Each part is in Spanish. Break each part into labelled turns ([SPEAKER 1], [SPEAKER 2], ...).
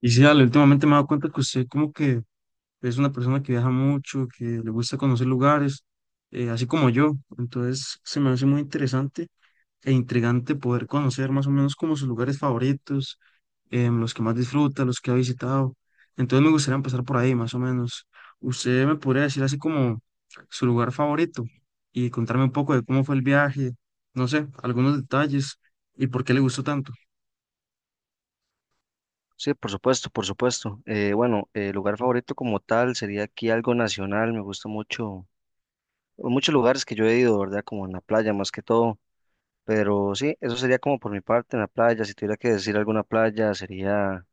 [SPEAKER 1] Y sí, Ale, últimamente me he dado cuenta que usted como que es una persona que viaja mucho, que le gusta conocer lugares, así como yo. Entonces se me hace muy interesante e intrigante poder conocer más o menos como sus lugares favoritos, los que más disfruta, los que ha visitado. Entonces me gustaría empezar por ahí, más o menos. ¿Usted me podría decir así como su lugar favorito y contarme un poco de cómo fue el viaje, no sé, algunos detalles y por qué le gustó tanto?
[SPEAKER 2] Sí, por supuesto, por supuesto. Bueno, lugar favorito como tal sería aquí algo nacional. Me gusta mucho, muchos lugares que yo he ido, ¿verdad? Como en la playa más que todo. Pero sí, eso sería como por mi parte en la playa. Si tuviera que decir alguna playa, sería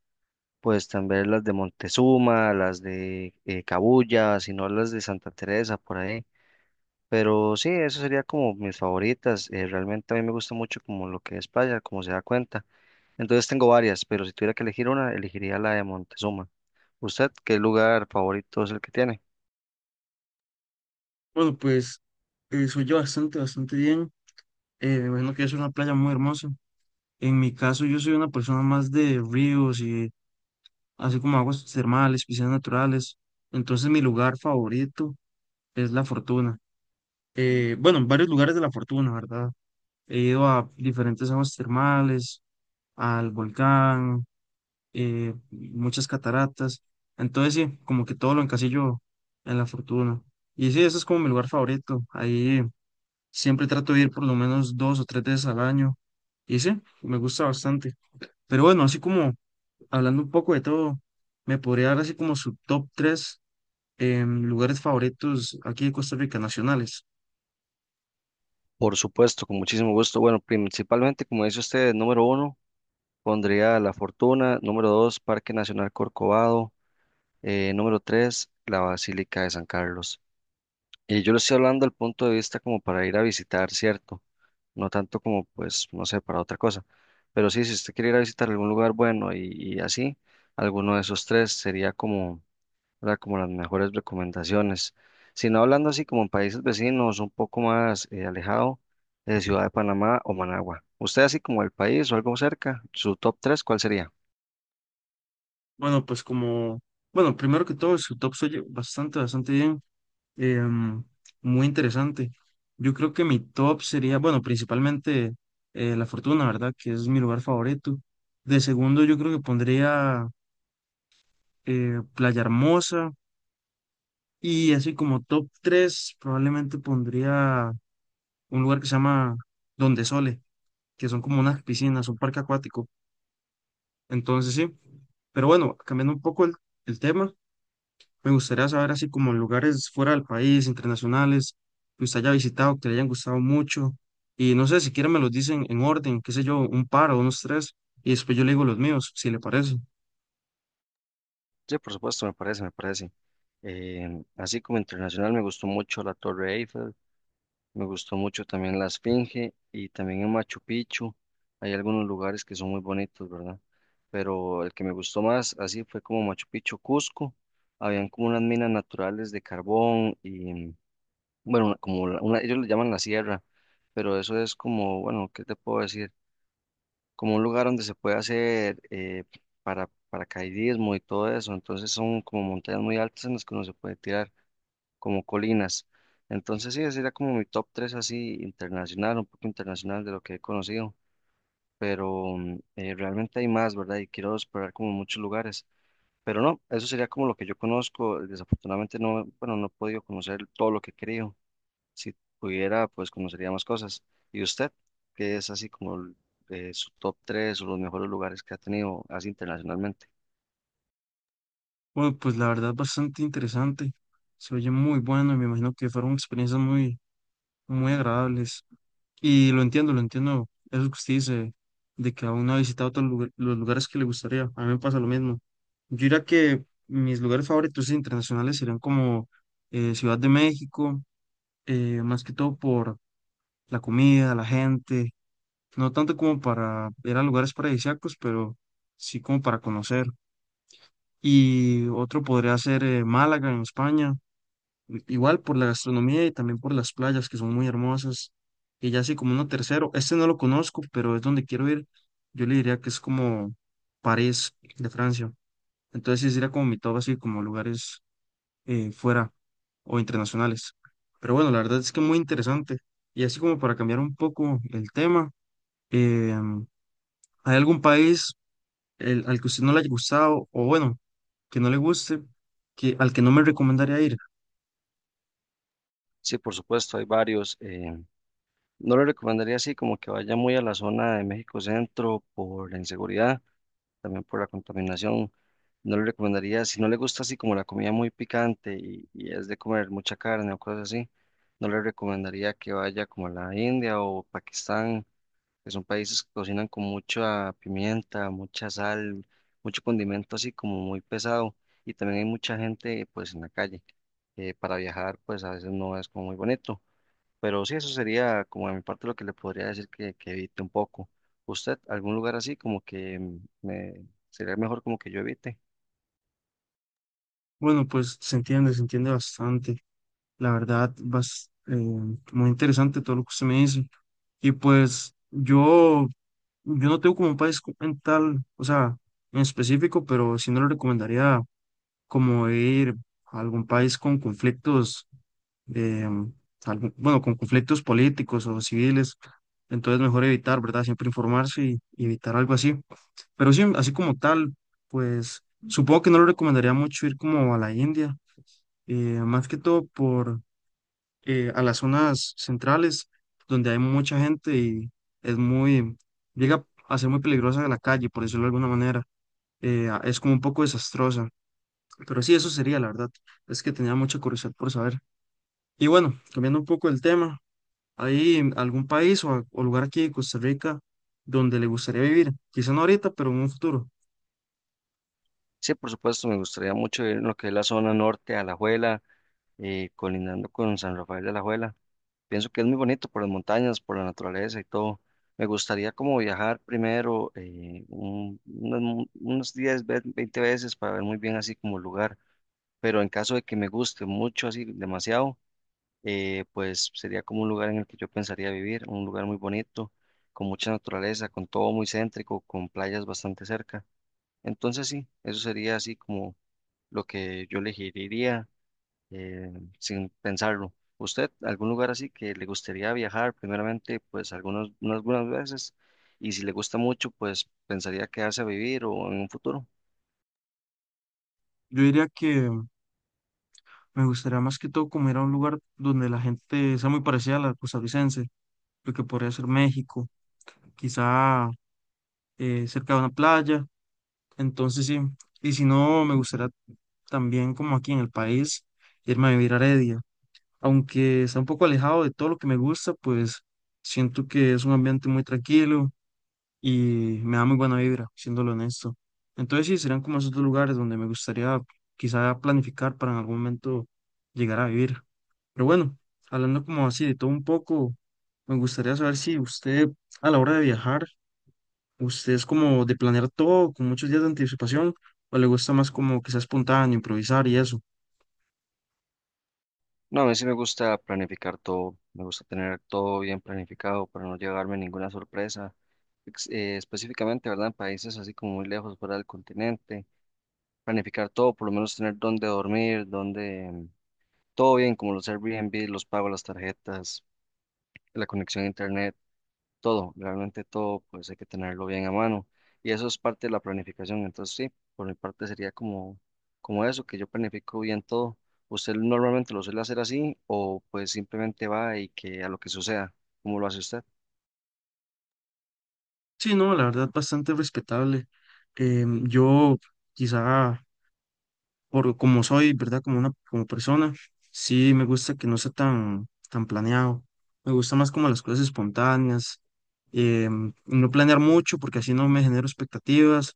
[SPEAKER 2] pues también las de Montezuma, las de Cabuya, si no las de Santa Teresa, por ahí. Pero sí, eso sería como mis favoritas. Realmente a mí me gusta mucho como lo que es playa, como se da cuenta. Entonces tengo varias, pero si tuviera que elegir una, elegiría la de Montezuma. ¿Usted qué lugar favorito es el que tiene?
[SPEAKER 1] Bueno, pues soy yo bastante bien. Me imagino que es una playa muy hermosa. En mi caso, yo soy una persona más de ríos y así como aguas termales, piscinas naturales. Entonces, mi lugar favorito es La Fortuna. Bueno, en varios lugares de La Fortuna, ¿verdad? He ido a diferentes aguas termales, al volcán, muchas cataratas. Entonces, sí, como que todo lo encasillo en La Fortuna. Y sí, ese es como mi lugar favorito. Ahí. Siempre trato de ir por lo menos dos o tres veces al año. Y sí, me gusta bastante. Pero bueno, así como hablando un poco de todo, me podría dar así como su top tres lugares favoritos aquí de Costa Rica nacionales.
[SPEAKER 2] Por supuesto, con muchísimo gusto. Bueno, principalmente, como dice usted, número uno, pondría La Fortuna, número dos, Parque Nacional Corcovado, número tres, la Basílica de San Carlos. Y yo le estoy hablando del punto de vista como para ir a visitar, ¿cierto? No tanto como, pues, no sé, para otra cosa. Pero sí, si usted quiere ir a visitar algún lugar bueno y así, alguno de esos tres sería como, ¿verdad? Como las mejores recomendaciones. Si no hablando así como en países vecinos, un poco más alejado de Ciudad de Panamá o Managua. Usted así como el país o algo cerca, su top tres, ¿cuál sería?
[SPEAKER 1] Bueno, pues como, bueno, primero que todo, su top se oye bastante bien. em, muy interesante. Yo creo que mi top sería, bueno, principalmente La Fortuna, ¿verdad? Que es mi lugar favorito. De segundo, yo creo que pondría Playa Hermosa. Y así como top 3 probablemente pondría un lugar que se llama Donde Sole, que son como unas piscinas, un parque acuático. Entonces sí, pero bueno, cambiando un poco el tema, me gustaría saber así como lugares fuera del país, internacionales, que usted haya visitado, que le hayan gustado mucho. Y no sé, si quieren me los dicen en orden, qué sé yo, un par o unos tres, y después yo le digo los míos, si le parece.
[SPEAKER 2] Sí, por supuesto, me parece, me parece. Así como internacional, me gustó mucho la Torre Eiffel, me gustó mucho también la Esfinge y también en Machu Picchu. Hay algunos lugares que son muy bonitos, ¿verdad? Pero el que me gustó más, así fue como Machu Picchu, Cusco. Habían como unas minas naturales de carbón y bueno, como una, ellos le llaman la sierra, pero eso es como, bueno, ¿qué te puedo decir? Como un lugar donde se puede hacer paracaidismo y todo eso, entonces son como montañas muy altas en las que uno se puede tirar, como colinas. Entonces sí, ese sería como mi top 3 así internacional, un poco internacional de lo que he conocido, pero realmente hay más, ¿verdad? Y quiero explorar como muchos lugares. Pero no, eso sería como lo que yo conozco. Desafortunadamente no, bueno, no he podido conocer todo lo que he querido. Si pudiera, pues conocería más cosas. ¿Y usted, qué es así como su top 3 o los mejores lugares que ha tenido así internacionalmente?
[SPEAKER 1] Bueno, pues la verdad bastante interesante. Se oye muy bueno y me imagino que fueron experiencias muy agradables. Y lo entiendo. Eso que usted dice, de que aún no ha visitado todos los los lugares que le gustaría. A mí me pasa lo mismo. Yo diría que mis lugares favoritos internacionales serían como Ciudad de México, más que todo por la comida, la gente, no tanto como para ir a lugares paradisíacos, pero sí como para conocer. Y otro podría ser Málaga en España Igual por la gastronomía y también por las playas que son muy hermosas. Y ya así como uno tercero, este no lo conozco, pero es donde quiero ir. Yo le diría que es como París de Francia. Entonces sí sería como mi top así como lugares fuera o internacionales. Pero bueno, la verdad es que muy interesante. Y así como para cambiar un poco el tema, eh, ¿hay algún país al que usted no le haya gustado o bueno, que no le guste, que, al que no me recomendaría ir?
[SPEAKER 2] Sí, por supuesto, hay varios. No le recomendaría así como que vaya muy a la zona de México Centro por la inseguridad, también por la contaminación. No le recomendaría, si no le gusta así como la comida muy picante y es de comer mucha carne o cosas así, no le recomendaría que vaya como a la India o Pakistán, que son países que cocinan con mucha pimienta, mucha sal, mucho condimento así como muy pesado. Y también hay mucha gente pues en la calle. Para viajar pues a veces no es como muy bonito. Pero sí, eso sería como de mi parte lo que le podría decir que evite un poco. ¿Usted algún lugar así como que sería mejor como que yo evite?
[SPEAKER 1] Bueno, pues se entiende bastante. La verdad, muy interesante todo lo que usted me dice. Y pues yo no tengo como un país en tal, o sea, en específico, pero sí no le recomendaría como ir a algún país con conflictos, eh, bueno, con conflictos políticos o civiles. Entonces mejor evitar, ¿verdad? Siempre informarse y evitar algo así. Pero sí, así como tal, pues supongo que no le recomendaría mucho ir como a la India, más que todo por a las zonas centrales donde hay mucha gente y es muy, llega a ser muy peligrosa la calle, por decirlo de alguna manera. Es como un poco desastrosa. Pero sí, eso sería, la verdad. Es que tenía mucha curiosidad por saber. Y bueno, cambiando un poco el tema, ¿hay algún país o lugar aquí de Costa Rica donde le gustaría vivir? Quizá no ahorita, pero en un futuro.
[SPEAKER 2] Sí, por supuesto, me gustaría mucho ir en lo que es la zona norte, Alajuela, colindando con San Rafael de Alajuela. Pienso que es muy bonito por las montañas, por la naturaleza y todo. Me gustaría como viajar primero unos 10, 20 veces para ver muy bien así como el lugar, pero en caso de que me guste mucho, así demasiado, pues sería como un lugar en el que yo pensaría vivir, un lugar muy bonito, con mucha naturaleza, con todo muy céntrico, con playas bastante cerca. Entonces sí, eso sería así como lo que yo elegiría eh, sin pensarlo. ¿Usted, algún lugar así que le gustaría viajar? Primeramente, pues algunas, unas buenas veces. Y si le gusta mucho, pues pensaría quedarse a vivir o en un futuro.
[SPEAKER 1] Yo diría que me gustaría más que todo como ir a un lugar donde la gente sea muy parecida a la costarricense, lo que podría ser México, quizá cerca de una playa. Entonces sí, y si no, me gustaría también como aquí en el país irme a vivir a Heredia. Aunque está un poco alejado de todo lo que me gusta, pues siento que es un ambiente muy tranquilo y me da muy buena vibra, siéndolo honesto. Entonces sí, serían como esos dos lugares donde me gustaría quizá planificar para en algún momento llegar a vivir. Pero bueno, hablando como así de todo un poco, me gustaría saber si usted a la hora de viajar ¿usted es como de planear todo con muchos días de anticipación o le gusta más como que sea espontáneo, improvisar y eso?
[SPEAKER 2] No, a mí sí me gusta planificar todo. Me gusta tener todo bien planificado para no llevarme ninguna sorpresa. Específicamente, ¿verdad? En países así como muy lejos, fuera del continente. Planificar todo, por lo menos tener dónde dormir, dónde... Todo bien, como los Airbnb, los pagos, las tarjetas, la conexión a internet. Todo, realmente todo, pues hay que tenerlo bien a mano. Y eso es parte de la planificación. Entonces, sí, por mi parte sería como, como eso, que yo planifico bien todo. ¿Usted normalmente lo suele hacer así o pues simplemente va y que a lo que suceda? ¿Cómo lo hace usted?
[SPEAKER 1] Sí, no, la verdad bastante respetable. Yo quizá por como soy, ¿verdad? Como una como persona, sí me gusta que no sea tan planeado. Me gusta más como las cosas espontáneas, no planear mucho porque así no me genero expectativas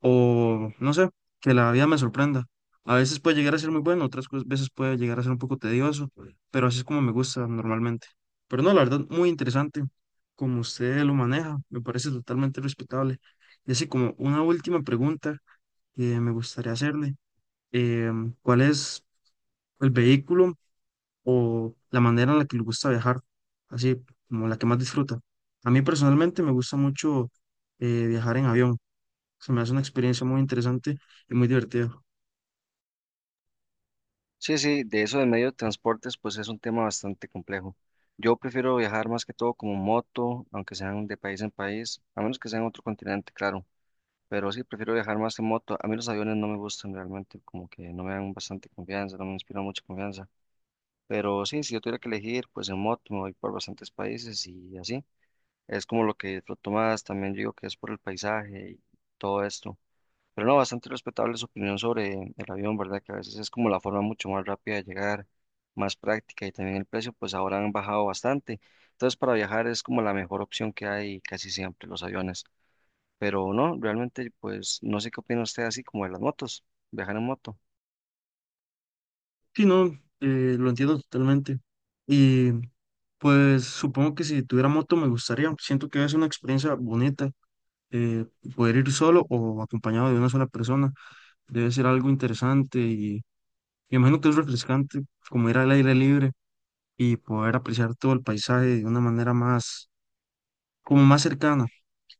[SPEAKER 1] o no sé, que la vida me sorprenda. A veces puede llegar a ser muy bueno, otras veces puede llegar a ser un poco tedioso, pero así es como me gusta normalmente. Pero no, la verdad, muy interesante como usted lo maneja, me parece totalmente respetable. Y así como una última pregunta que me gustaría hacerle, ¿cuál es el vehículo o la manera en la que le gusta viajar? Así como la que más disfruta. A mí personalmente me gusta mucho viajar en avión. Se me hace una experiencia muy interesante y muy divertida.
[SPEAKER 2] Sí, sí, de eso de medio de transportes, pues es un tema bastante complejo. Yo prefiero viajar más que todo como moto, aunque sean de país en país, a menos que sea en otro continente, claro. Pero sí, prefiero viajar más en moto. A mí los aviones no me gustan realmente, como que no me dan bastante confianza, no me inspiran mucha confianza. Pero sí, si yo tuviera que elegir, pues en moto me voy por bastantes países y así. Es como lo que disfruto más. También digo que es por el paisaje y todo esto. Pero no, bastante respetable su opinión sobre el avión, ¿verdad? Que a veces es como la forma mucho más rápida de llegar, más práctica y también el precio, pues ahora han bajado bastante. Entonces, para viajar es como la mejor opción que hay casi siempre los aviones. Pero no, realmente, pues no sé qué opina usted así como de las motos, viajar en moto.
[SPEAKER 1] Sí, no, lo entiendo totalmente. Y pues supongo que si tuviera moto me gustaría. Siento que es una experiencia bonita. eh, Poder ir solo o acompañado de una sola persona debe ser algo interesante y me imagino que es refrescante, como ir al aire libre y poder apreciar todo el paisaje de una manera más, como más cercana.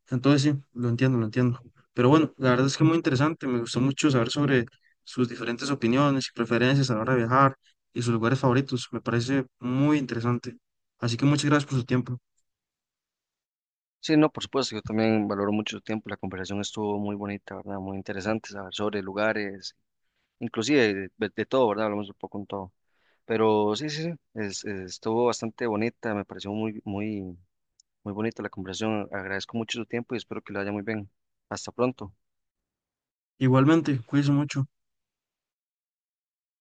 [SPEAKER 1] Entonces sí, lo entiendo. Pero bueno, la verdad es que muy interesante, me gustó mucho saber sobre sus diferentes opiniones y preferencias a la hora de viajar y sus lugares favoritos, me parece muy interesante. Así que muchas gracias por su tiempo.
[SPEAKER 2] Sí, no, por supuesto, yo también valoro mucho su tiempo, la conversación estuvo muy bonita, ¿verdad? Muy interesante saber sobre lugares, inclusive de todo, ¿verdad? Hablamos un poco en todo. Pero sí, sí, sí, estuvo bastante bonita, me pareció muy, muy, muy bonita la conversación. Agradezco mucho su tiempo y espero que le vaya muy bien. Hasta pronto.
[SPEAKER 1] Igualmente, cuídense mucho.